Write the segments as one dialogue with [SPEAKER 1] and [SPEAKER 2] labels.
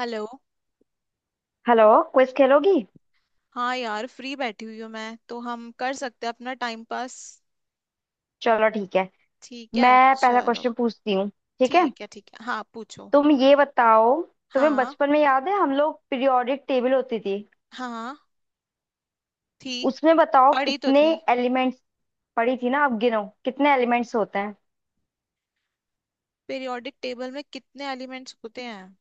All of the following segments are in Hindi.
[SPEAKER 1] हेलो।
[SPEAKER 2] हेलो। क्विज खेलोगी?
[SPEAKER 1] हाँ यार, फ्री बैठी हुई हूँ मैं तो, हम कर सकते हैं अपना टाइम पास।
[SPEAKER 2] चलो, ठीक है।
[SPEAKER 1] ठीक है।
[SPEAKER 2] मैं पहला
[SPEAKER 1] चलो
[SPEAKER 2] क्वेश्चन पूछती हूँ। ठीक है।
[SPEAKER 1] ठीक है ठीक है, हाँ पूछो।
[SPEAKER 2] तुम ये बताओ, तुम्हें
[SPEAKER 1] हाँ,
[SPEAKER 2] बचपन में याद है हम लोग पीरियोडिक टेबल होती थी,
[SPEAKER 1] हाँ, थी।
[SPEAKER 2] उसमें बताओ
[SPEAKER 1] पढ़ी तो
[SPEAKER 2] कितने
[SPEAKER 1] थी।
[SPEAKER 2] एलिमेंट्स पड़ी थी ना, अब गिनो कितने एलिमेंट्स होते हैं।
[SPEAKER 1] पीरियोडिक टेबल में कितने एलिमेंट्स होते हैं?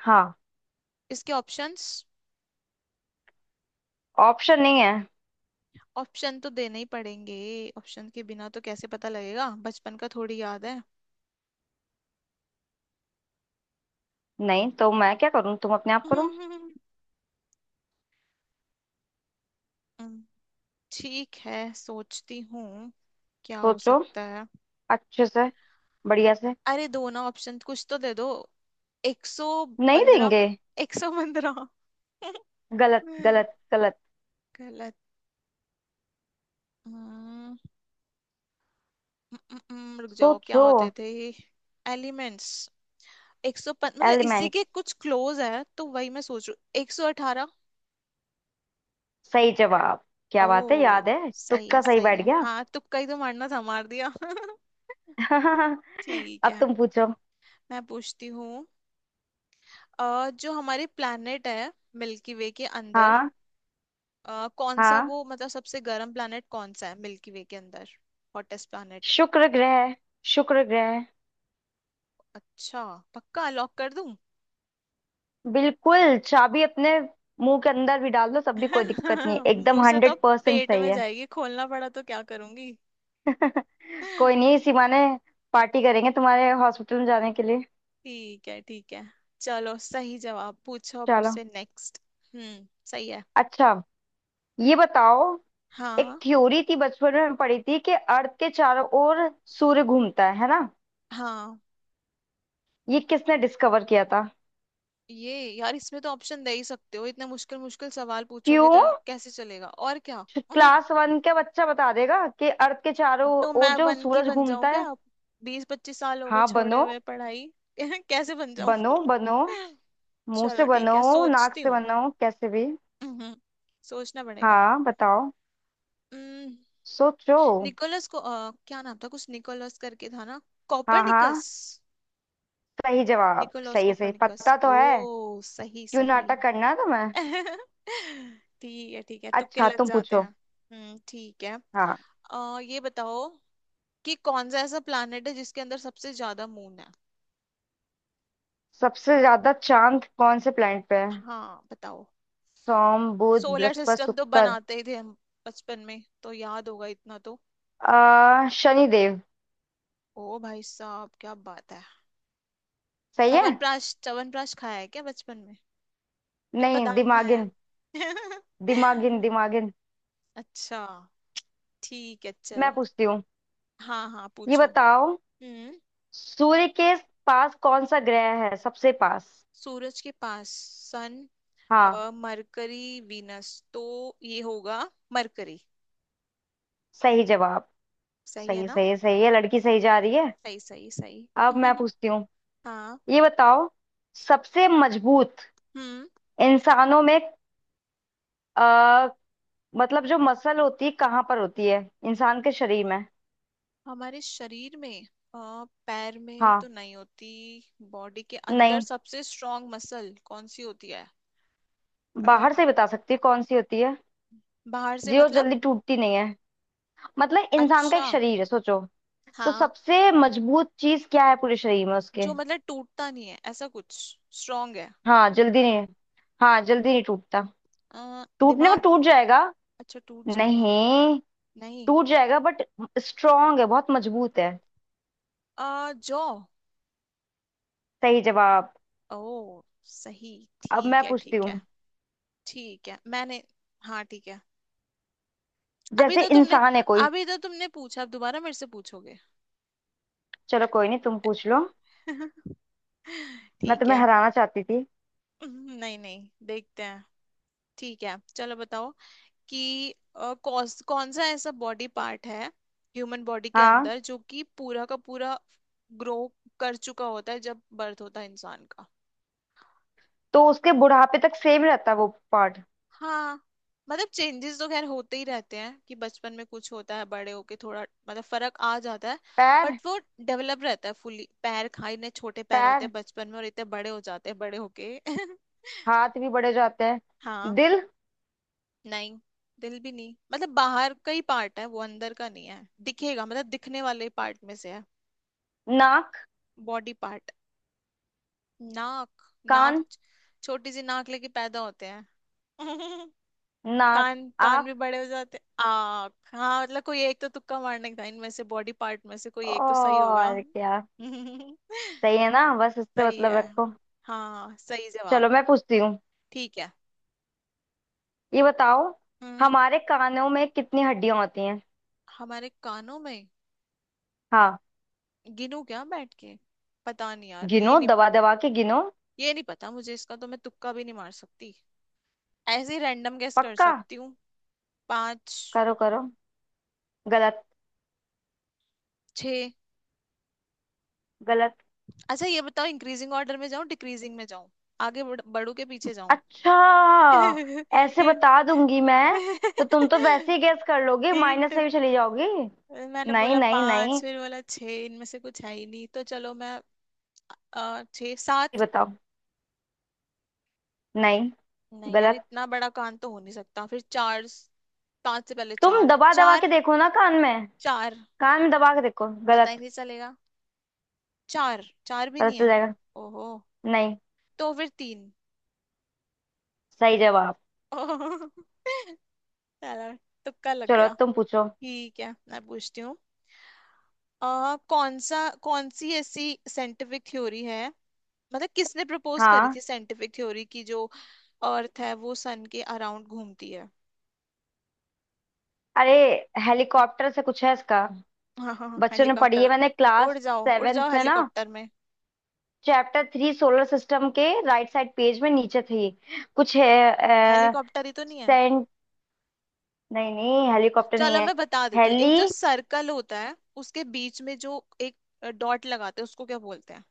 [SPEAKER 2] हाँ।
[SPEAKER 1] इसके ऑप्शंस?
[SPEAKER 2] ऑप्शन नहीं है।
[SPEAKER 1] ऑप्शन तो देने ही पड़ेंगे, ऑप्शन के बिना तो कैसे पता लगेगा, बचपन का थोड़ी याद है।
[SPEAKER 2] नहीं तो मैं क्या करूँ, तुम अपने आप करो।
[SPEAKER 1] ठीक है, सोचती हूँ। क्या हो
[SPEAKER 2] सोचो
[SPEAKER 1] सकता है?
[SPEAKER 2] अच्छे से, बढ़िया से।
[SPEAKER 1] अरे दो ना ऑप्शन, कुछ तो दे दो। एक सौ
[SPEAKER 2] नहीं
[SPEAKER 1] पंद्रह
[SPEAKER 2] देंगे।
[SPEAKER 1] 115।
[SPEAKER 2] गलत गलत गलत।
[SPEAKER 1] गलत। हम्म, रुक जाओ, क्या
[SPEAKER 2] सोचो।
[SPEAKER 1] होते थे एलिमेंट्स? 100 मतलब इसी
[SPEAKER 2] एलिमेंट्स।
[SPEAKER 1] के कुछ क्लोज है तो वही मैं सोच रही हूँ। 118।
[SPEAKER 2] सही जवाब। क्या बात है,
[SPEAKER 1] ओ।
[SPEAKER 2] याद है,
[SPEAKER 1] सही
[SPEAKER 2] तुक्का
[SPEAKER 1] है
[SPEAKER 2] सही
[SPEAKER 1] सही
[SPEAKER 2] बैठ
[SPEAKER 1] है,
[SPEAKER 2] गया।
[SPEAKER 1] हाँ तुक्का ही तो मारना था, मार दिया। ठीक
[SPEAKER 2] अब
[SPEAKER 1] है,
[SPEAKER 2] तुम पूछो।
[SPEAKER 1] मैं पूछती हूँ। जो हमारे प्लैनेट है मिल्की वे के अंदर,
[SPEAKER 2] हाँ
[SPEAKER 1] कौन सा
[SPEAKER 2] हाँ।
[SPEAKER 1] वो मतलब सबसे गर्म planet कौन सा है मिल्की वे के अंदर? Hottest planet?
[SPEAKER 2] शुक्र ग्रह। शुक्र ग्रह।
[SPEAKER 1] अच्छा। पक्का लॉक कर दूं?
[SPEAKER 2] बिल्कुल, चाबी अपने मुंह के अंदर भी डाल दो सब भी, कोई दिक्कत नहीं, एकदम
[SPEAKER 1] मुंह से तो
[SPEAKER 2] 100%
[SPEAKER 1] पेट
[SPEAKER 2] सही
[SPEAKER 1] में
[SPEAKER 2] है।
[SPEAKER 1] जाएगी, खोलना पड़ा तो क्या करूंगी?
[SPEAKER 2] कोई नहीं, इसी बहाने पार्टी करेंगे तुम्हारे हॉस्पिटल में जाने के लिए।
[SPEAKER 1] ठीक है ठीक है। चलो सही जवाब, पूछो अब
[SPEAKER 2] चलो।
[SPEAKER 1] मुझसे नेक्स्ट। हम्म, सही है।
[SPEAKER 2] अच्छा, ये बताओ, एक
[SPEAKER 1] हाँ।
[SPEAKER 2] थ्योरी थी बचपन में पढ़ी थी कि अर्थ के चारों ओर सूर्य घूमता है ना।
[SPEAKER 1] हाँ।
[SPEAKER 2] ये किसने डिस्कवर किया था?
[SPEAKER 1] ये यार, इसमें तो ऑप्शन दे ही सकते हो, इतने मुश्किल मुश्किल सवाल पूछोगे
[SPEAKER 2] क्यों,
[SPEAKER 1] तो कैसे चलेगा, और क्या?
[SPEAKER 2] क्लास वन का बच्चा बता देगा कि अर्थ के चारों
[SPEAKER 1] तो
[SPEAKER 2] ओर
[SPEAKER 1] मैं
[SPEAKER 2] जो
[SPEAKER 1] वन की
[SPEAKER 2] सूरज
[SPEAKER 1] बन जाऊं
[SPEAKER 2] घूमता
[SPEAKER 1] क्या?
[SPEAKER 2] है।
[SPEAKER 1] 20-25 साल हो गए
[SPEAKER 2] हाँ
[SPEAKER 1] छोड़े
[SPEAKER 2] बनो
[SPEAKER 1] हुए पढ़ाई। कैसे बन जाऊं?
[SPEAKER 2] बनो बनो। मुंह से
[SPEAKER 1] चलो ठीक
[SPEAKER 2] बनो,
[SPEAKER 1] है,
[SPEAKER 2] नाक
[SPEAKER 1] सोचती
[SPEAKER 2] से
[SPEAKER 1] हूँ।
[SPEAKER 2] बनो, कैसे भी।
[SPEAKER 1] हम्म, सोचना पड़ेगा।
[SPEAKER 2] हाँ बताओ।
[SPEAKER 1] हम्म,
[SPEAKER 2] सोचो।
[SPEAKER 1] निकोलस को, क्या नाम था, कुछ निकोलस करके था ना?
[SPEAKER 2] हाँ हाँ,
[SPEAKER 1] कोपरनिकस।
[SPEAKER 2] सही जवाब,
[SPEAKER 1] निकोलस
[SPEAKER 2] सही सही
[SPEAKER 1] कोपरनिकस।
[SPEAKER 2] पता तो
[SPEAKER 1] ओ,
[SPEAKER 2] है।
[SPEAKER 1] सही
[SPEAKER 2] क्यों
[SPEAKER 1] सही।
[SPEAKER 2] नाटक करना है तुम्हें।
[SPEAKER 1] ठीक है ठीक है, तुक्के
[SPEAKER 2] अच्छा
[SPEAKER 1] लग
[SPEAKER 2] तुम
[SPEAKER 1] जाते हैं।
[SPEAKER 2] पूछो।
[SPEAKER 1] ठीक है।
[SPEAKER 2] हाँ।
[SPEAKER 1] ये बताओ कि कौन सा ऐसा प्लैनेट है जिसके अंदर सबसे ज्यादा मून है?
[SPEAKER 2] सबसे ज्यादा चांद कौन से प्लेनेट पे है?
[SPEAKER 1] हाँ बताओ।
[SPEAKER 2] सोम बुध
[SPEAKER 1] सोलर
[SPEAKER 2] बृहस्पति
[SPEAKER 1] सिस्टम तो
[SPEAKER 2] शुक्र।
[SPEAKER 1] बनाते ही थे हम, बचपन में तो याद होगा इतना तो।
[SPEAKER 2] आ शनि देव।
[SPEAKER 1] ओ भाई साहब, क्या बात है।
[SPEAKER 2] सही है।
[SPEAKER 1] च्यवनप्राश च्यवनप्राश खाया है क्या बचपन में? या
[SPEAKER 2] नहीं,
[SPEAKER 1] बादाम खाया
[SPEAKER 2] दिमागिन
[SPEAKER 1] है?
[SPEAKER 2] दिमागिन दिमागिन।
[SPEAKER 1] अच्छा। ठीक है
[SPEAKER 2] मैं
[SPEAKER 1] चलो।
[SPEAKER 2] पूछती हूँ।
[SPEAKER 1] हाँ हाँ
[SPEAKER 2] ये
[SPEAKER 1] पूछो।
[SPEAKER 2] बताओ,
[SPEAKER 1] हम्म।
[SPEAKER 2] सूर्य के पास कौन सा ग्रह है, सबसे पास।
[SPEAKER 1] सूरज के पास। सन।
[SPEAKER 2] हाँ।
[SPEAKER 1] मरकरी वीनस तो ये होगा, मरकरी।
[SPEAKER 2] सही जवाब।
[SPEAKER 1] सही है
[SPEAKER 2] सही
[SPEAKER 1] ना?
[SPEAKER 2] सही सही है, लड़की सही जा रही है।
[SPEAKER 1] सही सही सही।
[SPEAKER 2] अब मैं पूछती हूँ।
[SPEAKER 1] हाँ।
[SPEAKER 2] ये बताओ, सबसे मजबूत
[SPEAKER 1] हम्म।
[SPEAKER 2] इंसानों में, आ, मतलब जो मसल होती है कहाँ पर होती है इंसान के शरीर में।
[SPEAKER 1] हमारे शरीर में, पैर में
[SPEAKER 2] हाँ।
[SPEAKER 1] तो नहीं होती। बॉडी के अंदर
[SPEAKER 2] नहीं,
[SPEAKER 1] सबसे स्ट्रांग मसल कौन सी होती है? अ,
[SPEAKER 2] बाहर से बता सकती है कौन सी होती है,
[SPEAKER 1] बाहर से
[SPEAKER 2] जो
[SPEAKER 1] मतलब?
[SPEAKER 2] जल्दी टूटती नहीं है। मतलब इंसान का एक
[SPEAKER 1] अच्छा,
[SPEAKER 2] शरीर है, सोचो। तो
[SPEAKER 1] हाँ।
[SPEAKER 2] सबसे मजबूत चीज क्या है पूरे शरीर में उसके।
[SPEAKER 1] जो मतलब टूटता नहीं है, ऐसा कुछ स्ट्रांग है।
[SPEAKER 2] हाँ जल्दी नहीं, हाँ जल्दी नहीं टूटता। टूटने को
[SPEAKER 1] दिमाग।
[SPEAKER 2] टूट जाएगा।
[SPEAKER 1] अच्छा टूट जाएगा।
[SPEAKER 2] नहीं।
[SPEAKER 1] नहीं।
[SPEAKER 2] टूट जाएगा, बट स्ट्रांग है, बहुत मजबूत है।
[SPEAKER 1] जॉ।
[SPEAKER 2] सही जवाब।
[SPEAKER 1] ओ, सही।
[SPEAKER 2] अब मैं
[SPEAKER 1] ठीक है
[SPEAKER 2] पूछती
[SPEAKER 1] ठीक
[SPEAKER 2] हूँ।
[SPEAKER 1] है। ठीक है मैंने, हाँ ठीक है। अभी
[SPEAKER 2] जैसे
[SPEAKER 1] तो तुमने
[SPEAKER 2] इंसान है कोई।
[SPEAKER 1] अभी तो तुमने पूछा, अब दोबारा मेरे से पूछोगे?
[SPEAKER 2] चलो, कोई नहीं, तुम पूछ लो। मैं
[SPEAKER 1] ठीक
[SPEAKER 2] तुम्हें
[SPEAKER 1] है।
[SPEAKER 2] हराना चाहती थी।
[SPEAKER 1] नहीं नहीं, देखते हैं। ठीक है चलो बताओ, कि कौन सा ऐसा बॉडी पार्ट है ह्यूमन बॉडी के
[SPEAKER 2] हाँ।
[SPEAKER 1] अंदर जो कि पूरा का पूरा ग्रो कर चुका होता है जब बर्थ होता है इंसान का?
[SPEAKER 2] तो उसके बुढ़ापे तक सेम रहता है वो पार्ट।
[SPEAKER 1] हाँ, मतलब चेंजेस तो खैर होते ही रहते हैं, कि बचपन में कुछ होता है, बड़े होके थोड़ा मतलब फर्क आ जाता है,
[SPEAKER 2] पैर।
[SPEAKER 1] बट वो डेवलप रहता है फुली। पैर, खाई इतने छोटे पैर होते
[SPEAKER 2] पैर,
[SPEAKER 1] हैं बचपन में और इतने बड़े हो जाते हैं बड़े होके।
[SPEAKER 2] हाथ भी बढ़े जाते हैं,
[SPEAKER 1] हाँ।
[SPEAKER 2] दिल।
[SPEAKER 1] नहीं, दिल भी नहीं, मतलब बाहर का ही पार्ट है वो, अंदर का नहीं है, दिखेगा, मतलब दिखने वाले पार्ट में से है
[SPEAKER 2] नाक।
[SPEAKER 1] Body part. नाक, नाक,
[SPEAKER 2] कान।
[SPEAKER 1] छोटी सी नाक लेके पैदा होते हैं।
[SPEAKER 2] नाक।
[SPEAKER 1] कान कान भी
[SPEAKER 2] आंख।
[SPEAKER 1] बड़े हो जाते हैं, आँख, हाँ मतलब कोई एक तो तुक्का मारने का, इनमें से बॉडी पार्ट में से कोई एक तो सही होगा।
[SPEAKER 2] और क्या? सही है ना, बस इससे
[SPEAKER 1] सही
[SPEAKER 2] मतलब
[SPEAKER 1] है।
[SPEAKER 2] रखो।
[SPEAKER 1] हाँ सही जवाब।
[SPEAKER 2] चलो, मैं पूछती हूँ।
[SPEAKER 1] ठीक है।
[SPEAKER 2] ये बताओ,
[SPEAKER 1] हम्म।
[SPEAKER 2] हमारे कानों में कितनी हड्डियां होती हैं।
[SPEAKER 1] हमारे कानों में?
[SPEAKER 2] हाँ।
[SPEAKER 1] गिनू क्या बैठ के? पता नहीं यार, ये
[SPEAKER 2] गिनो,
[SPEAKER 1] नहीं,
[SPEAKER 2] दबा दबा के गिनो।
[SPEAKER 1] ये नहीं पता मुझे इसका, तो मैं तुक्का भी नहीं मार सकती, ऐसे ही रैंडम गेस कर
[SPEAKER 2] पक्का।
[SPEAKER 1] सकती हूँ। पाँच।
[SPEAKER 2] करो करो। गलत।
[SPEAKER 1] छ।
[SPEAKER 2] गलत।
[SPEAKER 1] अच्छा ये बताओ, इंक्रीजिंग ऑर्डर में जाऊं, डिक्रीजिंग में जाऊं, आगे बढ़ू के पीछे जाऊं?
[SPEAKER 2] अच्छा। ऐसे
[SPEAKER 1] हिंट।
[SPEAKER 2] बता दूंगी मैं, तो तुम तो वैसे ही गैस कर लोगे,
[SPEAKER 1] हिंट।
[SPEAKER 2] माइनस में भी चली जाओगी।
[SPEAKER 1] मैंने
[SPEAKER 2] नहीं
[SPEAKER 1] बोला
[SPEAKER 2] नहीं
[SPEAKER 1] पाँच,
[SPEAKER 2] नहीं।
[SPEAKER 1] फिर बोला छ, इनमें से कुछ है ही नहीं, तो चलो मैं, छः
[SPEAKER 2] ये
[SPEAKER 1] सात।
[SPEAKER 2] बताओ। नहीं।
[SPEAKER 1] नहीं यार,
[SPEAKER 2] गलत।
[SPEAKER 1] इतना बड़ा कान तो हो नहीं सकता, फिर चार। पांच से पहले
[SPEAKER 2] तुम
[SPEAKER 1] चार,
[SPEAKER 2] दबा दबा
[SPEAKER 1] 4।
[SPEAKER 2] के देखो ना कान में,
[SPEAKER 1] चार,
[SPEAKER 2] कान में दबा के देखो।
[SPEAKER 1] पता ही
[SPEAKER 2] गलत।
[SPEAKER 1] नहीं चलेगा। चार चार भी
[SPEAKER 2] पता
[SPEAKER 1] नहीं
[SPEAKER 2] चल
[SPEAKER 1] है।
[SPEAKER 2] जाएगा।
[SPEAKER 1] ओहो।
[SPEAKER 2] नहीं।
[SPEAKER 1] तो फिर 3।
[SPEAKER 2] सही जवाब।
[SPEAKER 1] ओहो, चलो तुक्का लग
[SPEAKER 2] चलो
[SPEAKER 1] गया।
[SPEAKER 2] तुम पूछो।
[SPEAKER 1] ठीक है, मैं पूछती हूँ। कौन सा, कौन सी ऐसी साइंटिफिक थ्योरी है, मतलब किसने प्रपोज करी
[SPEAKER 2] हाँ।
[SPEAKER 1] थी साइंटिफिक थ्योरी, की जो अर्थ है वो सन के अराउंड घूमती है?
[SPEAKER 2] अरे, हेलीकॉप्टर से कुछ है इसका।
[SPEAKER 1] हाँ हाँ,
[SPEAKER 2] बच्चों ने पढ़ी है,
[SPEAKER 1] हेलीकॉप्टर।
[SPEAKER 2] मैंने क्लास
[SPEAKER 1] उड़
[SPEAKER 2] सेवेंथ
[SPEAKER 1] जाओ
[SPEAKER 2] में ना,
[SPEAKER 1] हेलीकॉप्टर में।
[SPEAKER 2] चैप्टर थ्री सोलर सिस्टम के राइट साइड पेज में नीचे थी, कुछ है। अ,
[SPEAKER 1] हेलीकॉप्टर ही तो नहीं है।
[SPEAKER 2] सेंट नहीं नहीं, हेलीकॉप्टर नहीं
[SPEAKER 1] चलो
[SPEAKER 2] है।
[SPEAKER 1] मैं बता देती हूँ,
[SPEAKER 2] हेली
[SPEAKER 1] एक जो सर्कल होता है उसके बीच में जो एक डॉट लगाते हैं, उसको क्या बोलते हैं?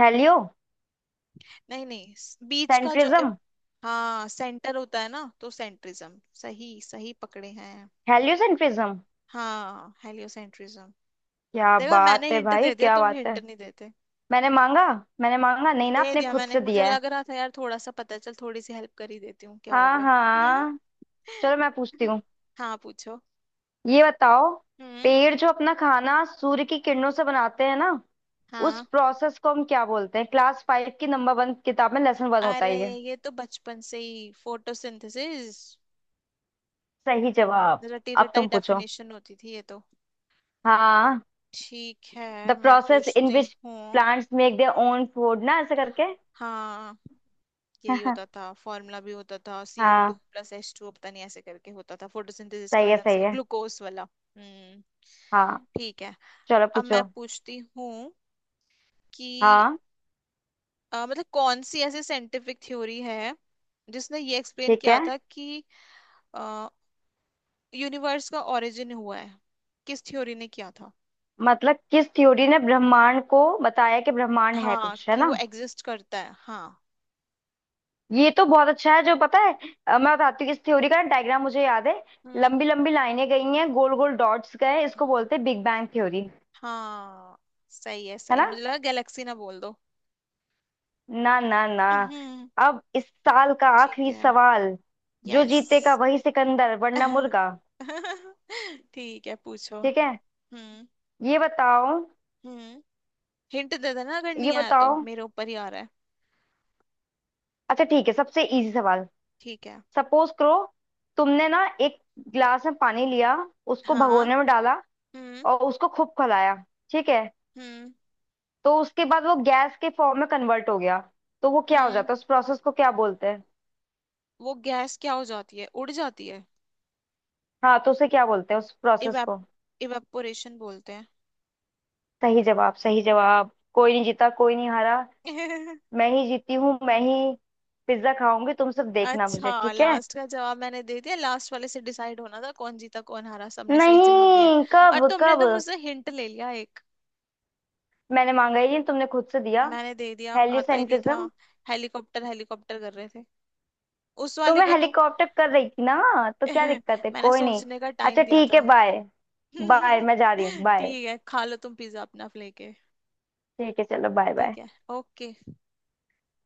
[SPEAKER 2] हेलियो
[SPEAKER 1] नहीं नहीं, बीच का जो
[SPEAKER 2] सेंट्रिज्म।
[SPEAKER 1] हाँ, सेंटर होता है ना, तो सेंट्रिज्म, सही सही पकड़े हैं।
[SPEAKER 2] हेलियोसेंट्रिज्म।
[SPEAKER 1] हाँ, हेलियोसेंट्रिज्म।
[SPEAKER 2] क्या
[SPEAKER 1] देखा, मैंने
[SPEAKER 2] बात है
[SPEAKER 1] हिंट
[SPEAKER 2] भाई,
[SPEAKER 1] दे दिया,
[SPEAKER 2] क्या
[SPEAKER 1] तुम
[SPEAKER 2] बात है।
[SPEAKER 1] हिंट नहीं देते।
[SPEAKER 2] मैंने मांगा? मैंने मांगा नहीं ना,
[SPEAKER 1] दे
[SPEAKER 2] आपने
[SPEAKER 1] दिया
[SPEAKER 2] खुद
[SPEAKER 1] मैंने,
[SPEAKER 2] से
[SPEAKER 1] मुझे
[SPEAKER 2] दिया है।
[SPEAKER 1] लग रहा था यार थोड़ा सा पता है, चल थोड़ी सी हेल्प कर ही देती हूँ, क्या हो
[SPEAKER 2] हाँ
[SPEAKER 1] गया।
[SPEAKER 2] हाँ। चलो मैं पूछती हूँ।
[SPEAKER 1] हाँ पूछो।
[SPEAKER 2] ये बताओ,
[SPEAKER 1] हम्म।
[SPEAKER 2] पेड़ जो अपना खाना सूर्य की किरणों से बनाते हैं ना, उस
[SPEAKER 1] हाँ।
[SPEAKER 2] प्रोसेस को हम क्या बोलते हैं। क्लास फाइव की नंबर वन किताब में लेसन वन होता
[SPEAKER 1] अरे
[SPEAKER 2] है ये।
[SPEAKER 1] ये तो बचपन से ही फोटोसिंथेसिस,
[SPEAKER 2] सही जवाब।
[SPEAKER 1] रटी
[SPEAKER 2] अब
[SPEAKER 1] रटाई
[SPEAKER 2] तुम पूछो।
[SPEAKER 1] डेफिनेशन होती थी ये तो।
[SPEAKER 2] हाँ।
[SPEAKER 1] ठीक
[SPEAKER 2] द
[SPEAKER 1] है, मैं
[SPEAKER 2] प्रोसेस इन
[SPEAKER 1] पूछती
[SPEAKER 2] विच
[SPEAKER 1] हूँ।
[SPEAKER 2] Plants make their own food, ना ऐसे करके।
[SPEAKER 1] हाँ, यही होता था, फॉर्मूला भी होता था, CO2
[SPEAKER 2] हाँ,
[SPEAKER 1] प्लस H2, पता नहीं ऐसे करके होता था फोटोसिंथेसिस का,
[SPEAKER 2] सही है,
[SPEAKER 1] अलग
[SPEAKER 2] सही
[SPEAKER 1] से
[SPEAKER 2] है।
[SPEAKER 1] ग्लूकोज वाला। हम्म
[SPEAKER 2] हाँ।
[SPEAKER 1] ठीक है।
[SPEAKER 2] चलो
[SPEAKER 1] अब
[SPEAKER 2] पूछो।
[SPEAKER 1] मैं पूछती हूँ कि,
[SPEAKER 2] हाँ,
[SPEAKER 1] मतलब कौन सी ऐसी साइंटिफिक थ्योरी है जिसने ये एक्सप्लेन
[SPEAKER 2] ठीक
[SPEAKER 1] किया
[SPEAKER 2] है।
[SPEAKER 1] था कि यूनिवर्स का ओरिजिन हुआ है, किस थ्योरी ने किया था?
[SPEAKER 2] मतलब किस थ्योरी ने ब्रह्मांड को बताया कि ब्रह्मांड है,
[SPEAKER 1] हाँ,
[SPEAKER 2] कुछ है
[SPEAKER 1] कि
[SPEAKER 2] ना।
[SPEAKER 1] वो एग्जिस्ट करता है, हाँ।
[SPEAKER 2] ये तो बहुत अच्छा है जो पता है। मैं बताती हूँ, इस थ्योरी का डायग्राम मुझे याद है।
[SPEAKER 1] हम्म।
[SPEAKER 2] लंबी लंबी लाइनें गई हैं, गोल गोल डॉट्स गए, इसको बोलते हैं बिग बैंग थ्योरी,
[SPEAKER 1] हाँ, सही है
[SPEAKER 2] है
[SPEAKER 1] सही है,
[SPEAKER 2] ना।
[SPEAKER 1] मुझे लगा गैलेक्सी ना बोल दो।
[SPEAKER 2] ना ना ना
[SPEAKER 1] हम्म
[SPEAKER 2] अब इस साल का
[SPEAKER 1] ठीक
[SPEAKER 2] आखिरी
[SPEAKER 1] है।
[SPEAKER 2] सवाल। जो जीतेगा
[SPEAKER 1] यस।
[SPEAKER 2] वही सिकंदर, वरना मुर्गा।
[SPEAKER 1] ठीक है पूछो।
[SPEAKER 2] ठीक है।
[SPEAKER 1] हम्म।
[SPEAKER 2] ये बताओ।
[SPEAKER 1] हम्म हिंट दे देना अगर
[SPEAKER 2] ये
[SPEAKER 1] नहीं आया, तो
[SPEAKER 2] बताओ।
[SPEAKER 1] मेरे ऊपर ही आ रहा है।
[SPEAKER 2] अच्छा ठीक है, सबसे इजी सवाल।
[SPEAKER 1] ठीक है।
[SPEAKER 2] सपोज करो, तुमने ना एक गिलास में पानी लिया, उसको
[SPEAKER 1] हाँ।
[SPEAKER 2] भगोने में डाला,
[SPEAKER 1] हम्म।
[SPEAKER 2] और उसको खूब खौलाया। ठीक है,
[SPEAKER 1] हम्म।
[SPEAKER 2] तो उसके बाद वो गैस के फॉर्म में कन्वर्ट हो गया, तो वो क्या हो
[SPEAKER 1] हम्म।
[SPEAKER 2] जाता है, उस प्रोसेस को क्या बोलते हैं।
[SPEAKER 1] वो गैस क्या हो जाती है, उड़ जाती है?
[SPEAKER 2] हाँ, तो उसे क्या बोलते हैं उस प्रोसेस
[SPEAKER 1] इवेप
[SPEAKER 2] को।
[SPEAKER 1] इवेपोरेशन बोलते हैं।
[SPEAKER 2] सही जवाब, सही जवाब। कोई नहीं जीता, कोई नहीं हारा। मैं ही जीती हूँ, मैं ही। पिज्जा खाऊंगी, तुम सब देखना
[SPEAKER 1] अच्छा,
[SPEAKER 2] मुझे, ठीक है।
[SPEAKER 1] लास्ट का जवाब मैंने दे दिया, लास्ट वाले से डिसाइड होना था कौन जीता कौन हारा, सबने सही जवाब दिया
[SPEAKER 2] नहीं,
[SPEAKER 1] है।
[SPEAKER 2] कब
[SPEAKER 1] और तुमने
[SPEAKER 2] कब?
[SPEAKER 1] तो मुझसे हिंट ले लिया एक।
[SPEAKER 2] मैंने मांगा ही नहीं, तुमने खुद से दिया।
[SPEAKER 1] मैंने दे दिया, आता ही नहीं था।
[SPEAKER 2] हेलिसेंट्रिज्म।
[SPEAKER 1] हेलीकॉप्टर हेलीकॉप्टर कर रहे थे उस
[SPEAKER 2] तो
[SPEAKER 1] वाले
[SPEAKER 2] मैं
[SPEAKER 1] को तो।
[SPEAKER 2] हेलीकॉप्टर कर रही थी ना, तो क्या दिक्कत है,
[SPEAKER 1] मैंने
[SPEAKER 2] कोई नहीं।
[SPEAKER 1] सोचने का
[SPEAKER 2] अच्छा
[SPEAKER 1] टाइम दिया
[SPEAKER 2] ठीक है,
[SPEAKER 1] था।
[SPEAKER 2] बाय। बाय, मैं जा रही हूँ, बाय।
[SPEAKER 1] ठीक है, खा लो तुम पिज्जा अपना लेके।
[SPEAKER 2] ठीक है, चलो बाय बाय।
[SPEAKER 1] ठीक है, ओके।